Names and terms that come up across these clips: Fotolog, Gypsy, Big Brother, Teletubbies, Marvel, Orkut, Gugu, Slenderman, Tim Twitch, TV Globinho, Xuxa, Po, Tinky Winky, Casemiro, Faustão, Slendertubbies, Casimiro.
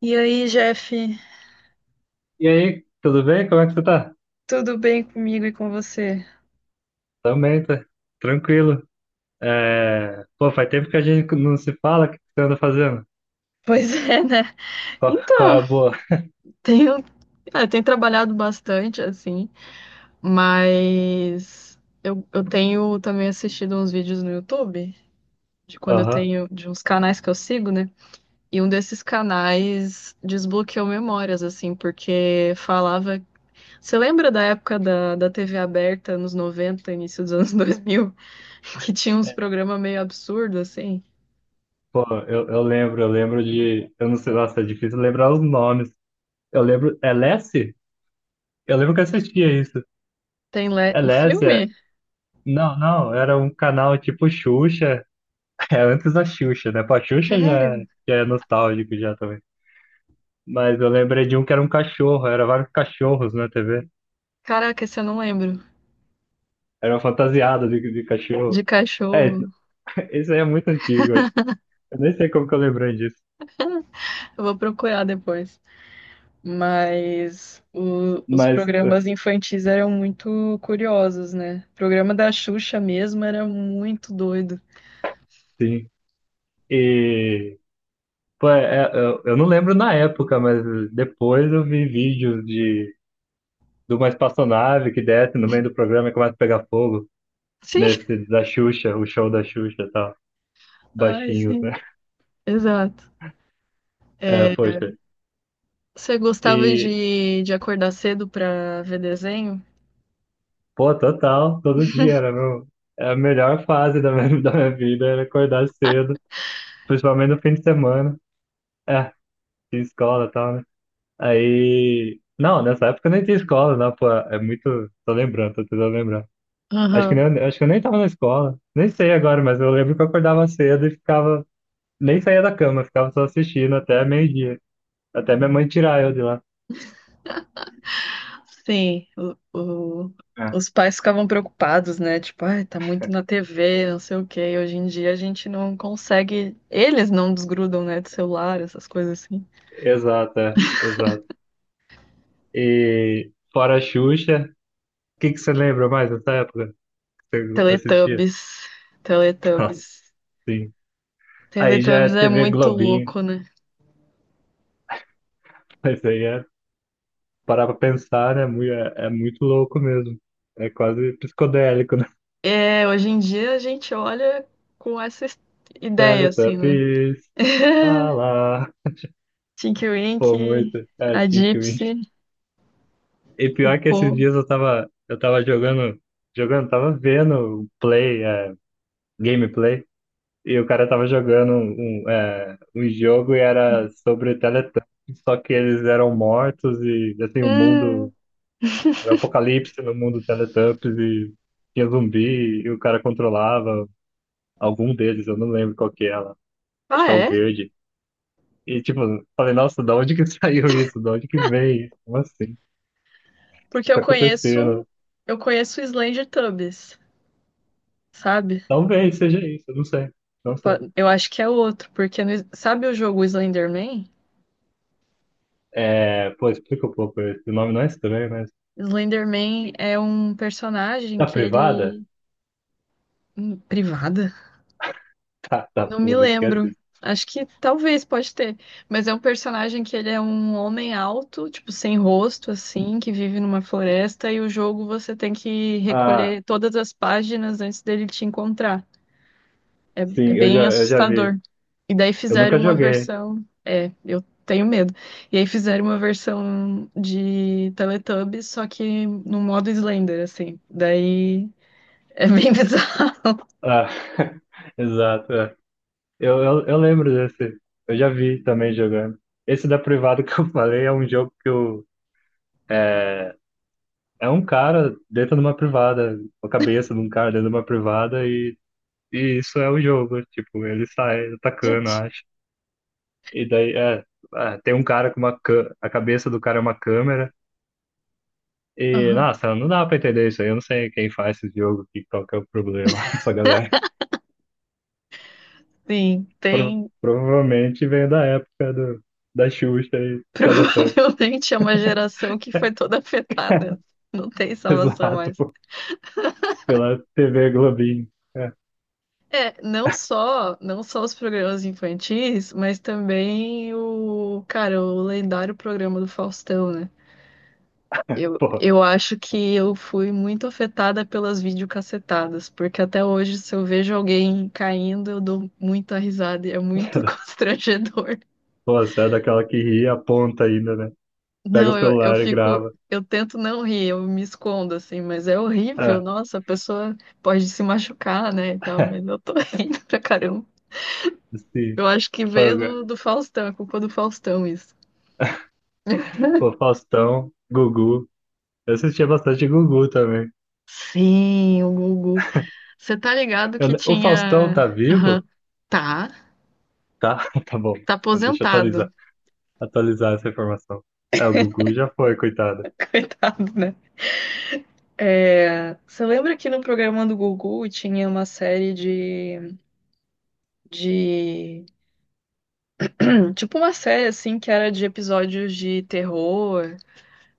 E aí, Jeff, E aí, tudo bem? Como é que você tá? tudo bem comigo e com você? Também, tá tranquilo. É. Pô, faz tempo que a gente não se fala, o que você anda fazendo? Pois é, né? Qual é a Então, boa? tenho, tenho trabalhado bastante, assim, mas eu tenho também assistido uns vídeos no YouTube, Aham. De uns canais que eu sigo, né? E um desses canais desbloqueou memórias, assim, porque falava. Você lembra da época da TV aberta, nos 90, início dos anos 2000, que tinha uns É, programas meio absurdos, assim? pô, eu lembro de. Eu não sei, nossa, é difícil lembrar os nomes. Eu lembro. É Lessie? Eu lembro que eu assistia isso. Tem É o Lessie? Filme? Não, não, era um canal tipo Xuxa. É antes da Xuxa, né? Pô, a Xuxa já, Sério? já é nostálgico já também. Mas eu lembrei de um que era um cachorro, era vários cachorros na TV. Caraca, esse eu não lembro. Era fantasiada de cachorro. De É, cachorro. isso aí é muito antigo, acho. Eu nem sei como que eu lembrei disso. Eu vou procurar depois. Mas os Mas, programas infantis eram muito curiosos, né? O programa da Xuxa mesmo era muito doido. sim. E, pô, eu não lembro na época, mas depois eu vi vídeos de uma espaçonave que desce no meio do programa e começa a pegar fogo. Sim, Nesse da Xuxa, o show da Xuxa e tal. ai, Baixinhos, né? sim. Exato. É, É, poxa. você gostava E, de acordar cedo pra ver desenho? pô, total, todo dia era meu, era a melhor fase da minha, da minha vida, era acordar cedo, principalmente no fim de semana. É, tinha escola e tal, né? Aí. Não, nessa época eu nem tinha escola, não, pô. É muito. Tô tentando lembrar. Acho que, nem, Aham. acho que eu nem tava na escola. Nem sei agora, mas eu lembro que eu acordava cedo e ficava. Nem saía da cama, ficava só assistindo até meio-dia. Até minha mãe tirar eu de lá. Sim, o- É. os pais ficavam preocupados, né? Tipo, ai, tá muito na TV, não sei o quê. Hoje em dia a gente não consegue. Eles não desgrudam, né, do celular, essas coisas assim. Exato, é, exato. E fora a Xuxa, o que que você lembra mais dessa época que você assistia? Teletubbies, Nossa, Teletubbies. sim. Aí já é Teletubbies é TV muito Globinho, louco, né? mas aí é parar pra pensar, né? É, é muito louco mesmo. É quase psicodélico, né? É, hoje em dia a gente olha com essa ideia, assim, né? Teletubbies, lá, lá. Tinky Pô, Winky, muito. É, a Tim Twitch. Gypsy, E o pior que esses Po. dias eu tava, eu tava jogando, tava vendo gameplay, e o cara tava jogando um jogo e era sobre Teletubbies, só que eles eram mortos e, assim, o mundo, Hum, era um apocalipse no mundo Teletubbies e tinha zumbi e o cara controlava algum deles, eu não lembro qual que é lá. Acho ah, que é o é? verde. E tipo, falei, nossa, da onde que saiu isso? Da onde que veio isso? Como assim? O que Porque eu tá conheço, acontecendo? eu conheço o Slendertubbies, sabe? Talvez seja isso, eu não sei. Não sei. Eu acho que é outro, porque sabe o jogo Slenderman? É, pô, explica um pouco. Esse nome não é estranho, mas. Slenderman é um personagem Tá que privada? ele. Hum, privada? Tá, tá, Não me pula, esquece lembro. isso. Acho que talvez pode ter, mas é um personagem que ele é um homem alto, tipo sem rosto assim, que vive numa floresta e o jogo você tem que Ah, recolher todas as páginas antes dele te encontrar. É sim, eu já, bem eu já vi. assustador. E daí Eu fizeram nunca uma joguei. versão. É, eu tenho medo. E aí fizeram uma versão de Teletubbies, só que no modo Slender, assim. Daí é bem bizarro. Ah, exato. É. Eu lembro desse. Eu já vi também jogando. Esse da privada que eu falei é um jogo é, É um cara dentro de uma privada, a cabeça de um cara dentro de uma privada e isso é o jogo, tipo, ele sai atacando, Gente. acho. E daí, tem um cara com uma a cabeça do cara é uma câmera e, Aham. nossa, não dá pra entender isso aí, eu não sei quem faz esse jogo, que, qual que é o problema dessa galera. Sim, tem. Provavelmente vem da época da Xuxa e Teletubbies. Provavelmente é uma geração que foi toda afetada. Não tem salvação Exato, mais. pô, pela TV Globinho. É, É, não só os programas infantis, mas também o, cara, o lendário programa do Faustão, né? Eu, pô, eu acho que eu fui muito afetada pelas videocassetadas, porque até hoje, se eu vejo alguém caindo, eu dou muita risada e é muito constrangedor. pô, você é daquela que ri e aponta ainda, né? Pega o Não, eu celular e fico, grava. eu tento não rir, eu me escondo assim, mas é horrível. Ah, Nossa, a pessoa pode se machucar, né, e tal, mas eu tô rindo pra caramba. sim. Eu acho que veio Paga. do Faustão, é culpa do Faustão isso. Pô, Faustão, Gugu. Eu assistia bastante Gugu também. Sim, o Gugu. Você tá ligado Eu que o Faustão tinha. tá Aham. vivo? Tá, Tá, tá bom. tá Deixa eu atualizar, aposentado. atualizar essa informação. É, o Gugu já foi, coitado. Coitado, né? É, você lembra que no programa do Gugu tinha uma série de. Tipo uma série, assim, que era de episódios de terror.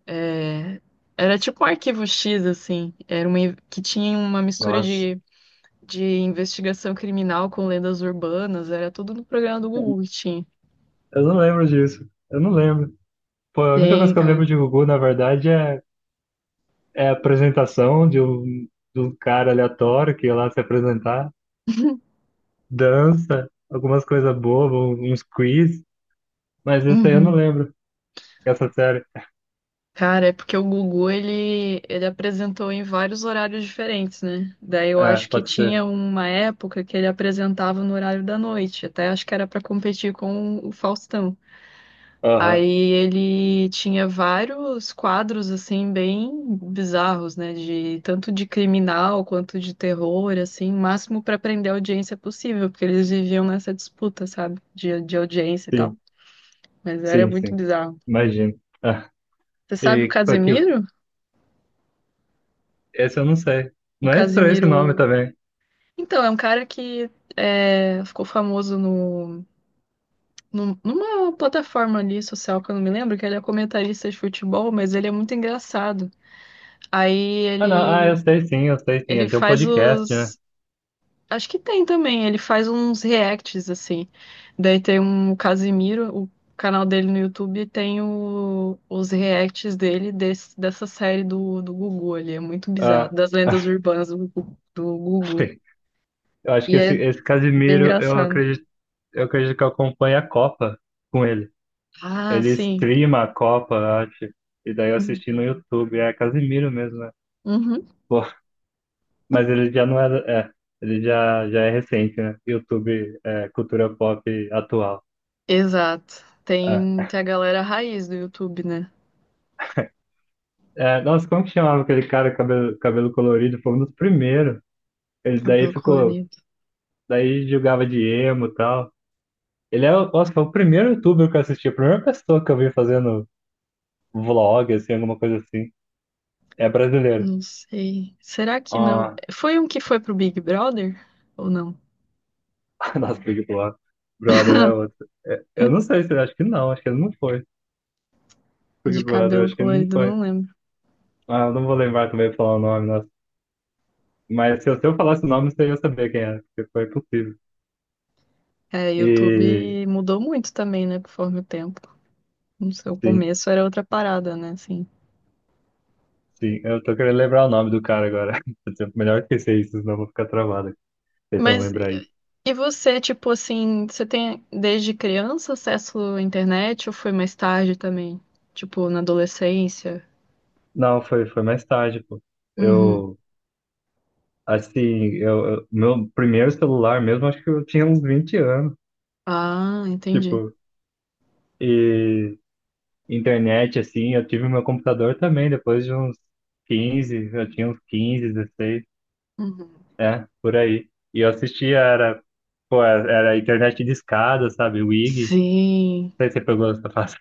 é, Era tipo um arquivo X, assim. Era uma que tinha uma mistura Nossa, de investigação criminal com lendas urbanas. Era tudo no programa do Gugu que tinha. eu não lembro disso. Eu não lembro. Pô, a única coisa Tem, que eu cara. lembro de Gugu, na verdade, é a apresentação de um cara aleatório que ia lá se apresentar, dança, algumas coisas bobas, uns quiz, mas isso aí eu não Uhum. lembro. Essa série. Cara, é porque o Gugu, ele apresentou em vários horários diferentes, né? Daí eu Ah, acho que pode ser. tinha uma época que ele apresentava no horário da noite, até acho que era pra competir com o Faustão. Aham. Aí ele tinha vários quadros, assim, bem bizarros, né? Tanto de criminal quanto de terror, assim, máximo pra prender a audiência possível, porque eles viviam nessa disputa, sabe? De audiência e tal. Sim, Mas era sim, muito sim. bizarro. Imagino. Ah, Você sabe o e que, Casemiro? esse eu não sei. O Não é estranho esse nome Casemiro. também. Então, é um cara que ficou famoso numa plataforma ali social que eu não me lembro, que ele é comentarista de futebol, mas ele é muito engraçado. Aí Ah, não. Ah, ele, eu sei sim, eu sei sim. ele Ele tem um faz podcast, né? os. Acho que tem também, ele faz uns reacts, assim. Daí tem um Casimiro, o canal dele no YouTube tem os reacts dele dessa série do Gugu ali. É muito bizarro, Ah, das lendas urbanas do Gugu. sim. Eu acho que E esse, é esse bem Casimiro, eu engraçado. acredito, eu acredito que eu acompanho a Copa com ele. Ah, Ele sim. streama a Copa, eu acho. E daí eu assisti no YouTube. É Casimiro mesmo, né? Uhum. Pô, mas ele já não era. É, ele já, já é recente, né? YouTube, cultura pop atual. Exato. Tem, É, tem a galera raiz do YouTube, né? é, nossa, como que chamava aquele cara cabelo, cabelo colorido? Foi um dos primeiros. Ele daí Cabelo ficou, colorido. daí jogava de emo e tal. Nossa, foi o primeiro youtuber que eu assisti, a primeira pessoa que eu vi fazendo vlog, assim, alguma coisa assim. É brasileiro. Não sei. Será que não? Ah, Foi um que foi pro Big Brother? Ou não? nossa, Big Brother. Brother é outro. É, eu não sei se, acho que não, acho que ele não foi. Big De Brother, cabelo acho que ele não colorido, foi. não lembro. Ah, eu não vou lembrar também pra falar o nome, nossa. Mas se eu falasse o nome, você ia saber quem era, porque foi impossível. É, E, YouTube mudou muito também, né? Conforme o tempo. No seu sim. começo era outra parada, né? Assim. Sim, eu tô querendo lembrar o nome do cara agora. Melhor esquecer isso, senão eu vou ficar travado. Tentando Mas lembrar isso. e você, tipo assim, você tem desde criança acesso à internet ou foi mais tarde também? Tipo, na adolescência? Não, foi mais tarde, pô. Uhum. Eu, assim, meu primeiro celular mesmo, acho que eu tinha uns 20 anos. Ah, entendi. Tipo, e internet, assim, eu tive meu computador também, depois de uns 15 eu tinha uns 15, 16 Uhum. Por aí. E eu assistia, era, pô, era internet de escada, sabe? WIG. Não Sim, sei se você pegou essa fase.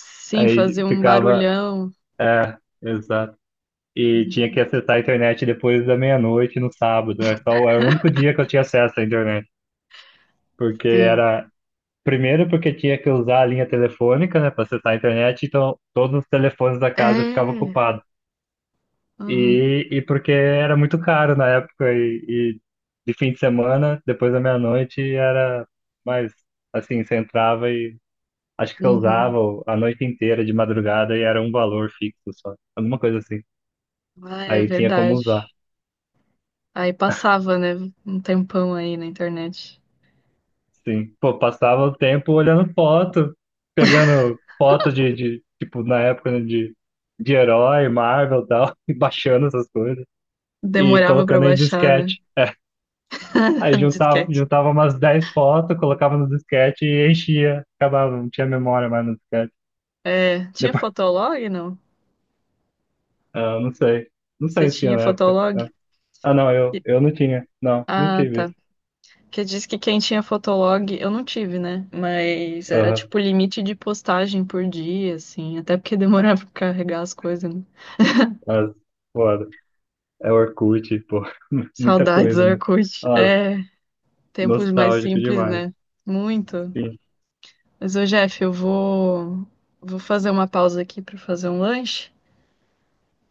fazer Aí um ficava, barulhão. é, exato. E tinha que Uhum, acessar a internet depois da meia-noite no sábado. Era o único dia que eu tinha acesso à internet. Porque sim. era. Primeiro, porque tinha que usar a linha telefônica, né, para acessar a internet, então todos os telefones da casa ficavam É. ocupados. Uhum, E porque era muito caro na época, e de fim de semana, depois da meia-noite, era mais assim: você entrava e acho que você uhum. usava a noite inteira de madrugada e era um valor fixo só, alguma coisa assim. Ah, é Aí tinha como usar. verdade. Aí passava, né? Um tempão aí na internet. Sim, pô, passava o tempo olhando foto, pegando foto de tipo, na época, né, de herói, Marvel e tal, e baixando essas coisas, e Demorava pra colocando em baixar, né? disquete. Aí juntava, Disquete. juntava umas 10 fotos, colocava no disquete e enchia. Acabava, não tinha memória mais no disquete. É, tinha Depois, Fotolog, não? ah, não sei. Não Você sei se tinha tinha na época. Fotolog? É. Ah, não, eu, E- eu não tinha. Não, Ah, tive tá. isso. Que diz que quem tinha Fotolog, eu não tive, né? Mas era Aham, tipo limite de postagem por dia, assim. Até porque demorava pra carregar as coisas, né? as, foda. É Orkut, pô, muita Saudades, coisa. Orkut. Nossa, É, tempos mais nostálgico simples, demais. né? Muito. Sim. Mas, ô, Jeff, eu vou fazer uma pausa aqui para fazer um lanche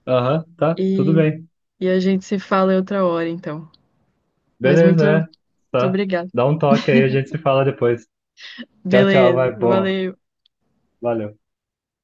Aham, tá, tudo e, bem. e a gente se fala em outra hora, então. Mas Beleza, muito, é. muito Tá. obrigada. Dá um toque aí, a gente se fala depois. Tchau, tchau, vai, Beleza, bom. valeu. Valeu.